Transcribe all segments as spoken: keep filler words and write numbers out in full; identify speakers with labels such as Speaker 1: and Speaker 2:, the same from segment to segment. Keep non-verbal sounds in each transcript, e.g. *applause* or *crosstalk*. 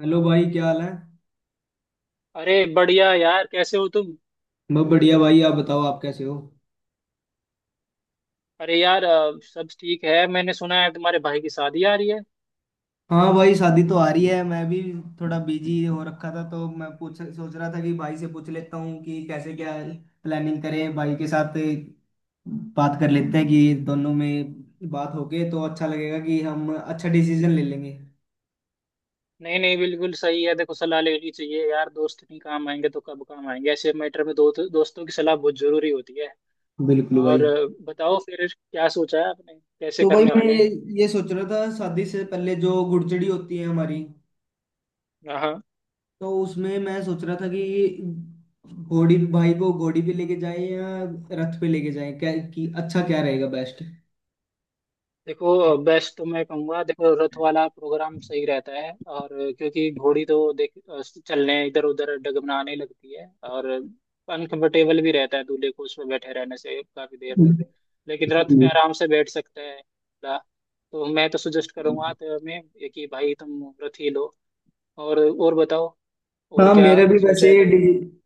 Speaker 1: Hello भाई, क्या हाल है?
Speaker 2: अरे बढ़िया यार। कैसे हो तुम।
Speaker 1: बहुत बढ़िया भाई, आप बताओ, आप कैसे हो?
Speaker 2: अरे यार, अ, सब ठीक है। मैंने सुना है तुम्हारे भाई की शादी आ रही है।
Speaker 1: हाँ भाई, शादी तो आ रही है, मैं भी थोड़ा बिजी हो रखा था। तो मैं पूछ सोच रहा था कि भाई से पूछ लेता हूँ कि कैसे क्या प्लानिंग करें भाई के साथ। बात कर लेते हैं कि दोनों में बात होके तो अच्छा लगेगा, कि हम अच्छा डिसीजन ले लेंगे।
Speaker 2: नहीं नहीं, बिल्कुल सही है। देखो, सलाह लेनी चाहिए यार। दोस्त नहीं काम आएंगे तो कब काम आएंगे। ऐसे मैटर में दो, दोस्तों की सलाह बहुत जरूरी होती है।
Speaker 1: बिल्कुल
Speaker 2: और
Speaker 1: भाई।
Speaker 2: अ, बताओ फिर क्या सोचा है आपने। कैसे
Speaker 1: तो भाई
Speaker 2: करने
Speaker 1: मैं
Speaker 2: वाले
Speaker 1: ये,
Speaker 2: हैं।
Speaker 1: ये सोच रहा था, शादी से पहले जो गुड़चड़ी होती है हमारी,
Speaker 2: हाँ।
Speaker 1: तो उसमें मैं सोच रहा था कि घोड़ी भाई को घोड़ी पे लेके जाए या रथ पे लेके जाए, क्या कि अच्छा क्या रहेगा बेस्ट।
Speaker 2: देखो, बेस्ट तो मैं कहूँगा, देखो, रथ वाला प्रोग्राम सही रहता है। और क्योंकि घोड़ी तो देख चलने इधर उधर डगमगाने लगती है। और अनकंफर्टेबल भी रहता है दूल्हे को उसमें बैठे रहने से काफी देर तक। लेकिन रथ पे आराम से बैठ सकते हैं। ला- तो मैं तो सजेस्ट करूंगा तो मैं कि भाई तुम रथ ही लो। और और बताओ, और
Speaker 1: हाँ,
Speaker 2: क्या
Speaker 1: मेरा भी
Speaker 2: सोचा
Speaker 1: वैसे
Speaker 2: है करने।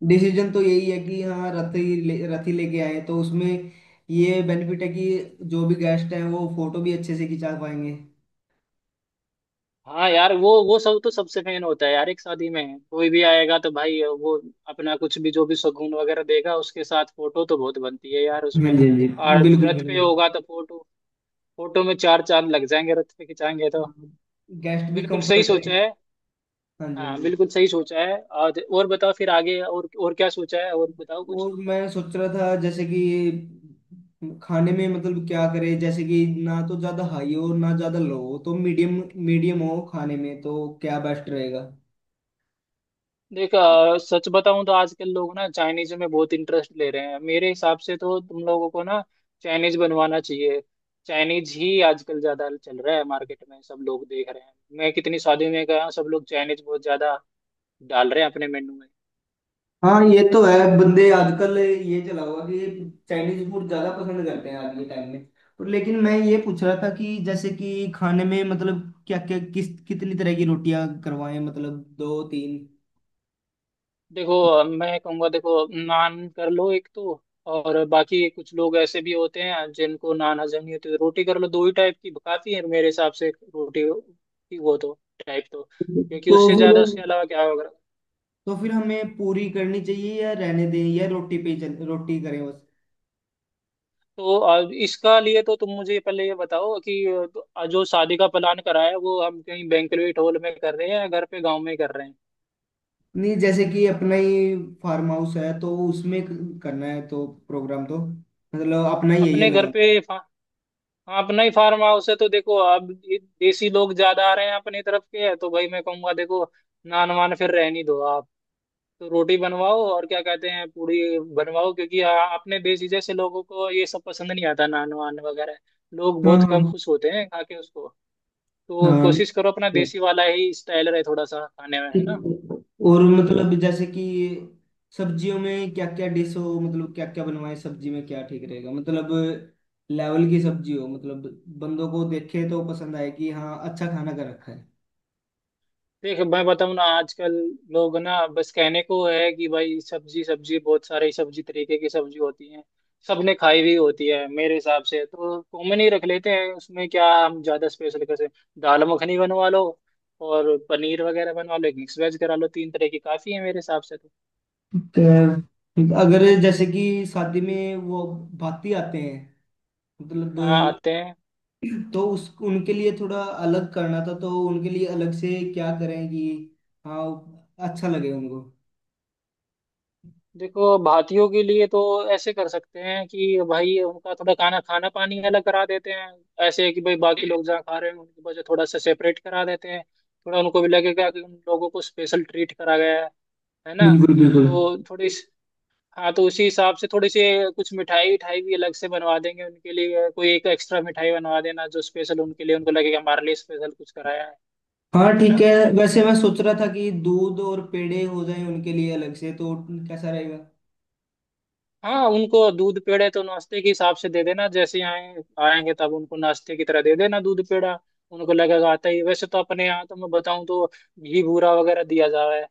Speaker 1: डिसीजन तो यही है कि हाँ, रथ ही ले, रथ ही लेके आए, तो उसमें ये बेनिफिट है कि जो भी गेस्ट हैं वो फोटो भी अच्छे से खिंचा पाएंगे।
Speaker 2: हाँ यार, वो वो सब तो सबसे मेन होता है यार। एक शादी में कोई भी आएगा तो भाई, वो अपना कुछ भी जो भी शगुन वगैरह देगा, उसके साथ फोटो तो बहुत बनती है यार
Speaker 1: हाँ
Speaker 2: उसमें।
Speaker 1: जी, हाँ जी।
Speaker 2: और
Speaker 1: बिल्कुल,
Speaker 2: रथ पे
Speaker 1: बिल्कुल।
Speaker 2: होगा तो फोटो फोटो में चार चांद लग जाएंगे, रथ पे खिंचाएंगे तो।
Speaker 1: गेस्ट भी
Speaker 2: बिल्कुल सही
Speaker 1: कंफर्ट रहे।
Speaker 2: सोचा है।
Speaker 1: हाँ जी, हाँ
Speaker 2: हाँ
Speaker 1: जी।
Speaker 2: बिल्कुल सही सोचा है। और और बताओ फिर आगे, और और क्या सोचा है, और बताओ कुछ।
Speaker 1: और मैं सोच रहा था जैसे कि खाने में, मतलब क्या करे, जैसे कि ना तो ज्यादा हाई हो ना ज्यादा लो हो, तो मीडियम मीडियम हो खाने में, तो क्या बेस्ट रहेगा?
Speaker 2: देख, अ, सच बताऊं तो आजकल लोग ना चाइनीज में बहुत इंटरेस्ट ले रहे हैं। मेरे हिसाब से तो तुम लोगों को ना चाइनीज बनवाना चाहिए। चाइनीज ही आजकल ज्यादा चल रहा है मार्केट में। सब लोग देख रहे हैं, मैं कितनी शादियों में गया हूं, सब लोग चाइनीज बहुत ज्यादा डाल रहे हैं अपने मेन्यू में।
Speaker 1: हाँ, ये तो है, बंदे आजकल ये चला हुआ कि चाइनीज फूड ज्यादा पसंद करते हैं आज के टाइम में। और लेकिन मैं ये पूछ रहा था कि जैसे कि खाने में मतलब क्या क्या किस कितनी तरह की रोटियां करवाएं, मतलब दो तीन।
Speaker 2: देखो, अ, मैं कहूंगा, देखो, नान कर लो एक तो। और बाकी कुछ लोग ऐसे भी होते हैं जिनको नान हजम नहीं होती, तो रोटी कर लो। दो ही टाइप की काफी है मेरे हिसाब से। रोटी की वो तो टाइप तो। क्योंकि
Speaker 1: तो
Speaker 2: उससे
Speaker 1: फिर
Speaker 2: ज्यादा उसके अलावा क्या होगा।
Speaker 1: तो फिर हमें पूरी करनी चाहिए या रहने दें, या रोटी पे ही चल रोटी करें बस।
Speaker 2: तो आ, इसका लिए तो तुम मुझे पहले ये बताओ कि अ, तो, आ, जो शादी का प्लान करा है वो हम कहीं बैंक्वेट हॉल में कर रहे हैं या घर पे गांव में कर रहे हैं।
Speaker 1: नहीं, जैसे कि अपना ही फार्म हाउस है, तो उसमें क- करना है, तो प्रोग्राम तो मतलब अपना ही है, ये
Speaker 2: अपने घर
Speaker 1: लगा।
Speaker 2: पे फा, हाँ, अपना ही फार्म हाउस है तो। देखो, अब ये देसी लोग ज्यादा आ रहे हैं अपनी तरफ के, है तो भाई मैं कहूंगा, देखो, नान वान फिर रहने दो आप। तो रोटी बनवाओ और क्या कहते हैं पूड़ी बनवाओ, क्योंकि आ, अपने देसी जैसे लोगों को ये सब पसंद नहीं आता नान वान वगैरह। लोग
Speaker 1: हाँ,
Speaker 2: बहुत कम
Speaker 1: हाँ।
Speaker 2: खुश होते हैं खा के उसको। तो
Speaker 1: हाँ,
Speaker 2: कोशिश करो अपना देसी वाला ही स्टाइल रहे थोड़ा सा खाने में, है ना।
Speaker 1: ठीक। और मतलब जैसे कि सब्जियों में क्या क्या डिश हो, मतलब क्या क्या बनवाए सब्जी में, क्या ठीक रहेगा, मतलब लेवल की सब्जी हो, मतलब बंदों को देखे तो पसंद आए कि हाँ, अच्छा खाना कर रखा है।
Speaker 2: देख, मैं बताऊँ ना, आजकल लोग ना बस कहने को है कि भाई सब्जी सब्जी, बहुत सारी सब्जी, तरीके की सब्जी होती है। सबने खाई हुई होती है मेरे हिसाब से, तो कॉमन ही रख लेते हैं उसमें, क्या हम ज्यादा स्पेशल कैसे। दाल मखनी बनवा लो, और पनीर वगैरह बनवा लो, एक मिक्स वेज करा लो, तीन तरह की काफी है मेरे हिसाब से तो।
Speaker 1: तो अगर जैसे कि शादी में वो भाती आते हैं मतलब,
Speaker 2: हाँ आते हैं।
Speaker 1: तो उस उनके लिए थोड़ा अलग करना था, तो उनके लिए अलग से क्या करें कि हाँ, अच्छा लगे उनको।
Speaker 2: देखो, भारतीयों के लिए तो ऐसे कर सकते हैं कि भाई उनका थोड़ा खाना खाना पानी अलग करा देते हैं। ऐसे कि भाई बाकी लोग जहाँ खा रहे हैं, उनकी वजह थोड़ा सा सेपरेट करा देते हैं। थोड़ा उनको भी लगेगा कि उन लोगों को स्पेशल ट्रीट करा गया है है ना।
Speaker 1: बिल्कुल, बिल्कुल।
Speaker 2: तो थोड़ी सी- हाँ, तो उसी हिसाब से थोड़ी सी कुछ मिठाई उठाई भी अलग से बनवा देंगे उनके लिए। कोई एक एक्स्ट्रा मिठाई बनवा देना जो स्पेशल उनके लिए, उनको लगेगा हमारे लिए स्पेशल कुछ कराया है
Speaker 1: हाँ,
Speaker 2: है
Speaker 1: ठीक
Speaker 2: ना।
Speaker 1: है। वैसे मैं सोच रहा था कि दूध और पेड़े हो जाए उनके लिए अलग से, तो कैसा रहेगा?
Speaker 2: हाँ, उनको दूध पेड़े तो नाश्ते के हिसाब से दे देना। जैसे आए आएंगे तब उनको नाश्ते की तरह दे देना दूध पेड़ा। उनको लगेगा आता ही वैसे तो अपने यहाँ तो। मैं बताऊँ तो घी बूरा वगैरह दिया जा रहा है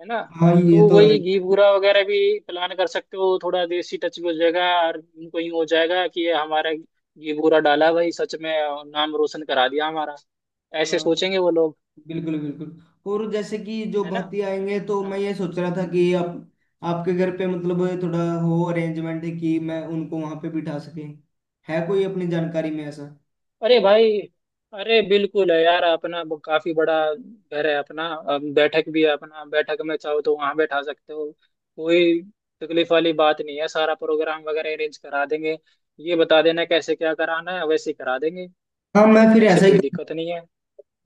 Speaker 2: है ना।
Speaker 1: हाँ, ये
Speaker 2: तो
Speaker 1: तो है।
Speaker 2: वही घी बूरा वगैरह भी प्लान कर सकते हो। थोड़ा देसी टच भी हो जाएगा और उनको यूँ हो जाएगा कि ये हमारा घी बूरा डाला भाई, सच में नाम रोशन करा दिया हमारा। ऐसे
Speaker 1: हाँ,
Speaker 2: सोचेंगे वो लोग,
Speaker 1: बिल्कुल, बिल्कुल। और जैसे कि जो
Speaker 2: है ना।
Speaker 1: भाती आएंगे, तो मैं
Speaker 2: हाँ,
Speaker 1: ये सोच रहा था कि आप आपके घर पे मतलब थोड़ा हो अरेंजमेंट, कि मैं उनको वहां पे बिठा सके, है कोई अपनी जानकारी में ऐसा?
Speaker 2: अरे भाई, अरे बिल्कुल है यार, अपना ब- काफी बड़ा घर है अपना। अब बैठक भी है अपना, बैठक में चाहो तो वहां बैठा सकते हो। कोई तकलीफ वाली बात नहीं है, सारा प्रोग्राम वगैरह अरेंज करा देंगे। ये बता देना कैसे क्या कराना है, वैसे ही करा देंगे।
Speaker 1: हाँ, मैं फिर
Speaker 2: ऐसी
Speaker 1: ऐसा
Speaker 2: कोई
Speaker 1: ही
Speaker 2: दिक्कत नहीं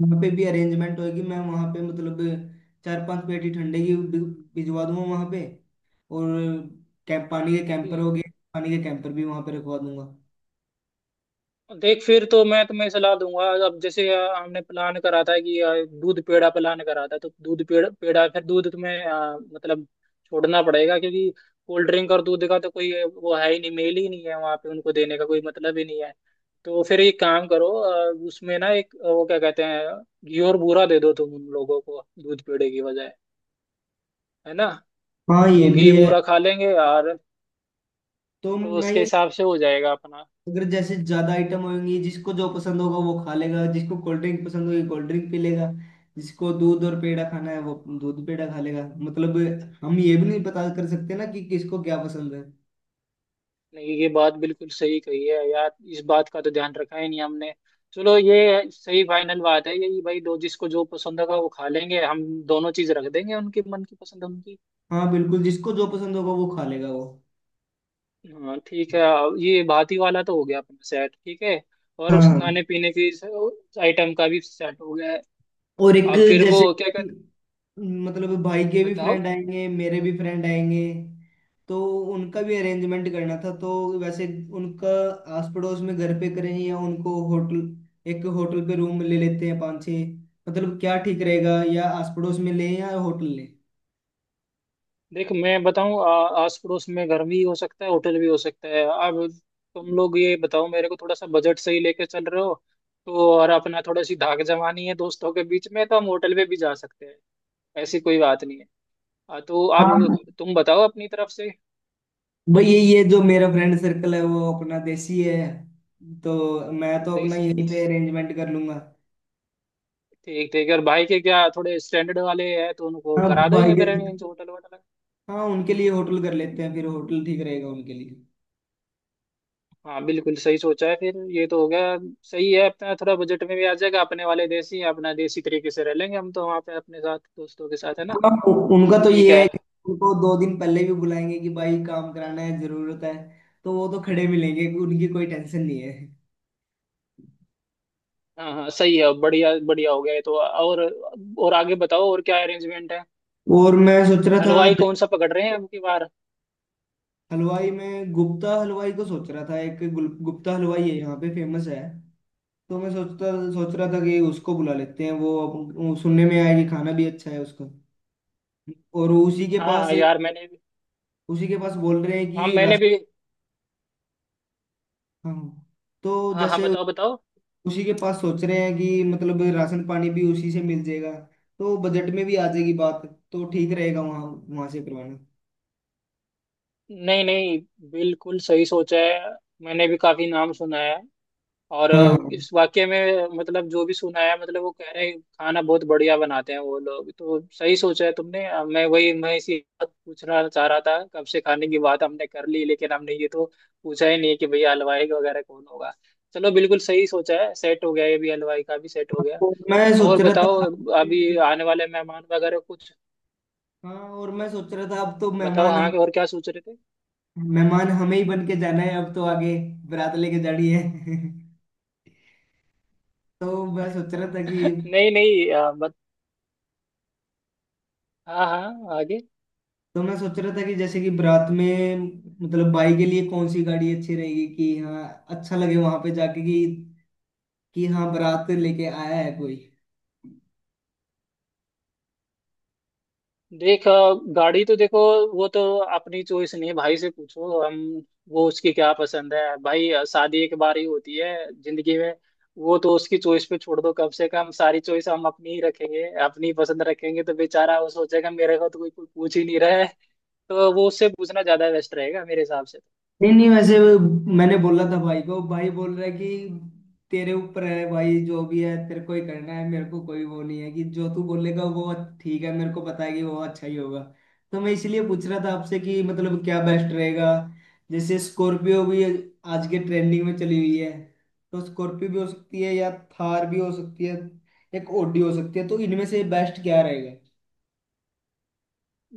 Speaker 1: वहाँ पे भी अरेंजमेंट होगी, मैं वहाँ पे मतलब चार पांच पेटी ठंडे की भि- भिजवा दूंगा वहाँ पे। और कैंप पानी के कैंपर
Speaker 2: है।
Speaker 1: हो गए, पानी के कैंपर भी वहाँ पे रखवा दूंगा।
Speaker 2: देख, फिर तो मैं तुम्हें सलाह दूंगा। अब जैसे अ, हमने प्लान करा था कि अ, दूध पेड़ा प्लान करा था, तो दूध पेड़ा पेड़ा फिर दूध तुम्हें अ, मतलब छोड़ना पड़ेगा, क्योंकि कोल्ड ड्रिंक और दूध का तो कोई अ, वो है ही नहीं, मेल ही नहीं है। वहाँ पे उनको देने का कोई मतलब ही नहीं है। तो फिर एक काम करो, अ, उसमें ना एक अ, वो क्या कहते हैं, घी और बूरा दे दो तुम उन लोगों को दूध पेड़े की बजाय, है ना।
Speaker 1: हाँ, ये
Speaker 2: तो घी
Speaker 1: भी है।
Speaker 2: बूरा खा लेंगे और
Speaker 1: तो
Speaker 2: तो
Speaker 1: मैं
Speaker 2: उसके
Speaker 1: ये
Speaker 2: हिसाब से हो जाएगा अपना।
Speaker 1: अगर जैसे ज्यादा आइटम होंगी, जिसको जो पसंद होगा वो खा लेगा, जिसको कोल्ड ड्रिंक पसंद होगी कोल्ड ड्रिंक पी लेगा, जिसको दूध और पेड़ा खाना है वो दूध पेड़ा खा लेगा। मतलब हम ये भी नहीं पता कर सकते ना कि किसको क्या पसंद है।
Speaker 2: नहीं, ये बात बिल्कुल सही कही है यार, इस बात का तो ध्यान रखा ही नहीं हमने। चलो, ये सही फाइनल बात है यही भाई, दो जिसको जो पसंद होगा वो खा लेंगे। हम दोनों चीज रख देंगे उनके मन की पसंद उनकी।
Speaker 1: हाँ, बिल्कुल, जिसको जो पसंद होगा वो खा लेगा वो।
Speaker 2: हाँ ठीक है, ये भाती वाला तो हो गया अपना सेट ठीक है। और उस
Speaker 1: हाँ।
Speaker 2: खाने पीने की आइटम का भी सेट हो गया है।
Speaker 1: और एक,
Speaker 2: अब फिर वो
Speaker 1: जैसे
Speaker 2: क्या
Speaker 1: कि
Speaker 2: कहते।
Speaker 1: मतलब भाई के भी
Speaker 2: बताओ।
Speaker 1: फ्रेंड आएंगे, मेरे भी फ्रेंड आएंगे, तो उनका भी अरेंजमेंट करना था, तो वैसे उनका आस पड़ोस में घर पे करें या उनको होटल, एक होटल पे रूम ले लेते हैं पाँच छः, मतलब क्या ठीक रहेगा, या आस पड़ोस में लें या होटल लें?
Speaker 2: देख, मैं बताऊं, आ- आस पड़ोस में घर भी हो सकता है, होटल भी हो सकता है। अब तुम लोग ये बताओ मेरे को, थोड़ा सा बजट सही लेके चल रहे हो तो, और अपना थोड़ा सी धाक जमानी है दोस्तों के बीच में, तो हम होटल पे भी जा सकते हैं। ऐसी कोई बात नहीं है। आ, तो
Speaker 1: हाँ
Speaker 2: अब तुम बताओ अपनी तरफ से।
Speaker 1: भाई, ये ये जो मेरा फ्रेंड सर्कल है वो अपना देसी है, तो मैं तो अपना
Speaker 2: देसी
Speaker 1: यहीं पे अरेंजमेंट कर लूंगा।
Speaker 2: ठीक ठीक। और भाई के क्या थोड़े स्टैंडर्ड वाले हैं तो उनको
Speaker 1: हाँ,
Speaker 2: करा
Speaker 1: भाई
Speaker 2: देंगे फिर
Speaker 1: के।
Speaker 2: arrange होटल वोटल।
Speaker 1: हाँ, उनके लिए होटल कर लेते हैं, फिर होटल ठीक रहेगा उनके लिए।
Speaker 2: हाँ बिल्कुल सही सोचा है, फिर ये तो हो गया। सही है, अपना थोड़ा बजट में भी आ जाएगा, अपने वाले देसी अपना देसी तरीके से रह लेंगे हम तो वहाँ पे अपने साथ दोस्तों के साथ, है ना।
Speaker 1: हाँ, उ- उनका तो
Speaker 2: ठीक
Speaker 1: ये
Speaker 2: है।
Speaker 1: है कि उनको दो दिन पहले भी बुलाएंगे कि भाई काम कराना है, जरूरत है, तो वो तो खड़े मिलेंगे, उनकी कोई टेंशन नहीं है।
Speaker 2: हाँ हाँ सही है, बढ़िया बढ़िया हो गया ये तो। और और आगे बताओ और क्या अरेंजमेंट है।
Speaker 1: और मैं सोच रहा था
Speaker 2: हलवाई
Speaker 1: ज-
Speaker 2: कौन सा पकड़ रहे हैं अब की बार।
Speaker 1: हलवाई में गुप्ता हलवाई को सोच रहा था, एक गुल- गुप्ता हलवाई है यहाँ पे, फेमस है। तो मैं सोचता सोच रहा था कि उसको बुला लेते हैं, वो अब- वो सुनने में आया कि खाना भी अच्छा है उसका। और उसी के
Speaker 2: हाँ
Speaker 1: पास
Speaker 2: हाँ यार, मैंने भी।
Speaker 1: उसी के पास बोल रहे हैं
Speaker 2: हाँ
Speaker 1: कि
Speaker 2: मैंने
Speaker 1: राशन।
Speaker 2: भी।
Speaker 1: हाँ, तो
Speaker 2: हाँ हाँ
Speaker 1: जैसे
Speaker 2: बताओ बताओ।
Speaker 1: उसी के पास सोच रहे हैं कि मतलब राशन पानी भी उसी से मिल जाएगा, तो बजट में भी आ जाएगी बात, तो ठीक रहेगा वहाँ वहाँ से करवाना।
Speaker 2: नहीं नहीं बिल्कुल सही सोचा है, मैंने भी काफी नाम सुना है। और
Speaker 1: हाँ, हाँ।
Speaker 2: इस वाक्य में मतलब जो भी सुनाया, मतलब वो कह रहे हैं खाना बहुत बढ़िया बनाते हैं वो लोग, तो सही सोचा है तुमने। अ, मैं वही मैं इसी बात पूछना चाह रहा था, कब से खाने की बात हमने कर ली लेकिन हमने ये तो पूछा ही नहीं कि भैया हलवाई वगैरह कौन होगा। चलो बिल्कुल सही सोचा है, सेट हो गया ये भी, हलवाई का भी सेट हो गया।
Speaker 1: और मैं
Speaker 2: और
Speaker 1: सोच रहा था
Speaker 2: बताओ, अभी
Speaker 1: आप-
Speaker 2: आने वाले मेहमान वगैरह कुछ।
Speaker 1: हाँ, और मैं सोच रहा था, अब तो
Speaker 2: बताओ
Speaker 1: मेहमान
Speaker 2: हाँ,
Speaker 1: हम-
Speaker 2: और क्या सोच रहे थे।
Speaker 1: मेहमान हमें ही बन के जाना है अब तो आगे, बारात लेके जानी है। *laughs* तो मैं सोच रहा था कि
Speaker 2: *laughs* नहीं नहीं, अ, बत, हाँ हाँ, आगे।
Speaker 1: तो मैं सोच रहा था कि जैसे कि बारात में, मतलब बाई के लिए कौन सी गाड़ी अच्छी रहेगी कि हाँ, अच्छा लगे वहां पे जाके कि कि हाँ, बारात लेके आया है कोई।
Speaker 2: देख, अ, गाड़ी तो देखो, वो तो अपनी चॉइस नहीं है, भाई से पूछो, हम वो उसकी क्या पसंद है। भाई, अ, शादी एक बार ही होती है जिंदगी में, वो तो उसकी चॉइस पे छोड़ दो। कम से कम सारी चॉइस हम अपनी ही रखेंगे, अपनी पसंद रखेंगे तो बेचारा वो सोचेगा मेरे को तो कोई कोई पूछ ही नहीं रहा है। तो वो उससे पूछना ज्यादा बेस्ट रहेगा मेरे हिसाब से।
Speaker 1: नहीं, नहीं, वैसे वो, मैंने बोला था भाई को, भाई बोल रहा है कि तेरे ऊपर है भाई, जो भी है तेरे को ही करना है, मेरे को कोई वो नहीं है कि जो तू बोलेगा वो ठीक है, मेरे को पता है कि वो अच्छा ही होगा। तो मैं इसलिए पूछ रहा था आपसे कि मतलब क्या बेस्ट रहेगा। जैसे स्कॉर्पियो भी आज के ट्रेंडिंग में चली हुई है, तो स्कॉर्पियो भी हो सकती है या थार भी हो सकती है, एक ओडी हो सकती है, तो इनमें से बेस्ट क्या रहेगा?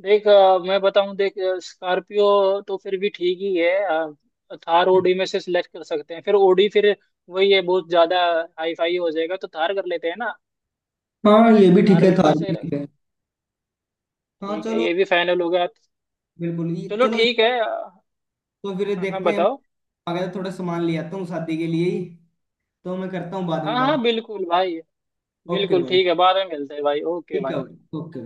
Speaker 2: देख, अ, मैं बताऊं देख, स्कॉर्पियो तो फिर भी ठीक ही है। अ, थार ओडी में से सिलेक्ट कर सकते हैं। फिर ओडी फिर वही है, बहुत ज्यादा हाई फाई हो जाएगा, तो थार कर लेते हैं ना।
Speaker 1: हाँ, ये भी ठीक
Speaker 2: यार
Speaker 1: है,
Speaker 2: बिल्कुल
Speaker 1: थार
Speaker 2: सही
Speaker 1: भी
Speaker 2: रहा।
Speaker 1: ठीक है। हाँ,
Speaker 2: ठीक है
Speaker 1: चलो।
Speaker 2: ये भी फाइनल हो गया।
Speaker 1: बिल्कुल, ये
Speaker 2: चलो
Speaker 1: चलो।
Speaker 2: ठीक है हाँ।
Speaker 1: तो फिर
Speaker 2: हाँ
Speaker 1: देखते हैं, मैं
Speaker 2: बताओ।
Speaker 1: आ गया तो थोड़ा सामान ले आता हूँ शादी के लिए ही, तो मैं करता हूँ बाद
Speaker 2: हाँ
Speaker 1: में बात।
Speaker 2: हाँ बिल्कुल भाई,
Speaker 1: ओके
Speaker 2: बिल्कुल
Speaker 1: भाई।
Speaker 2: ठीक है, बाद में मिलते हैं भाई, ओके
Speaker 1: ठीक है
Speaker 2: भाई।
Speaker 1: भाई, ओके।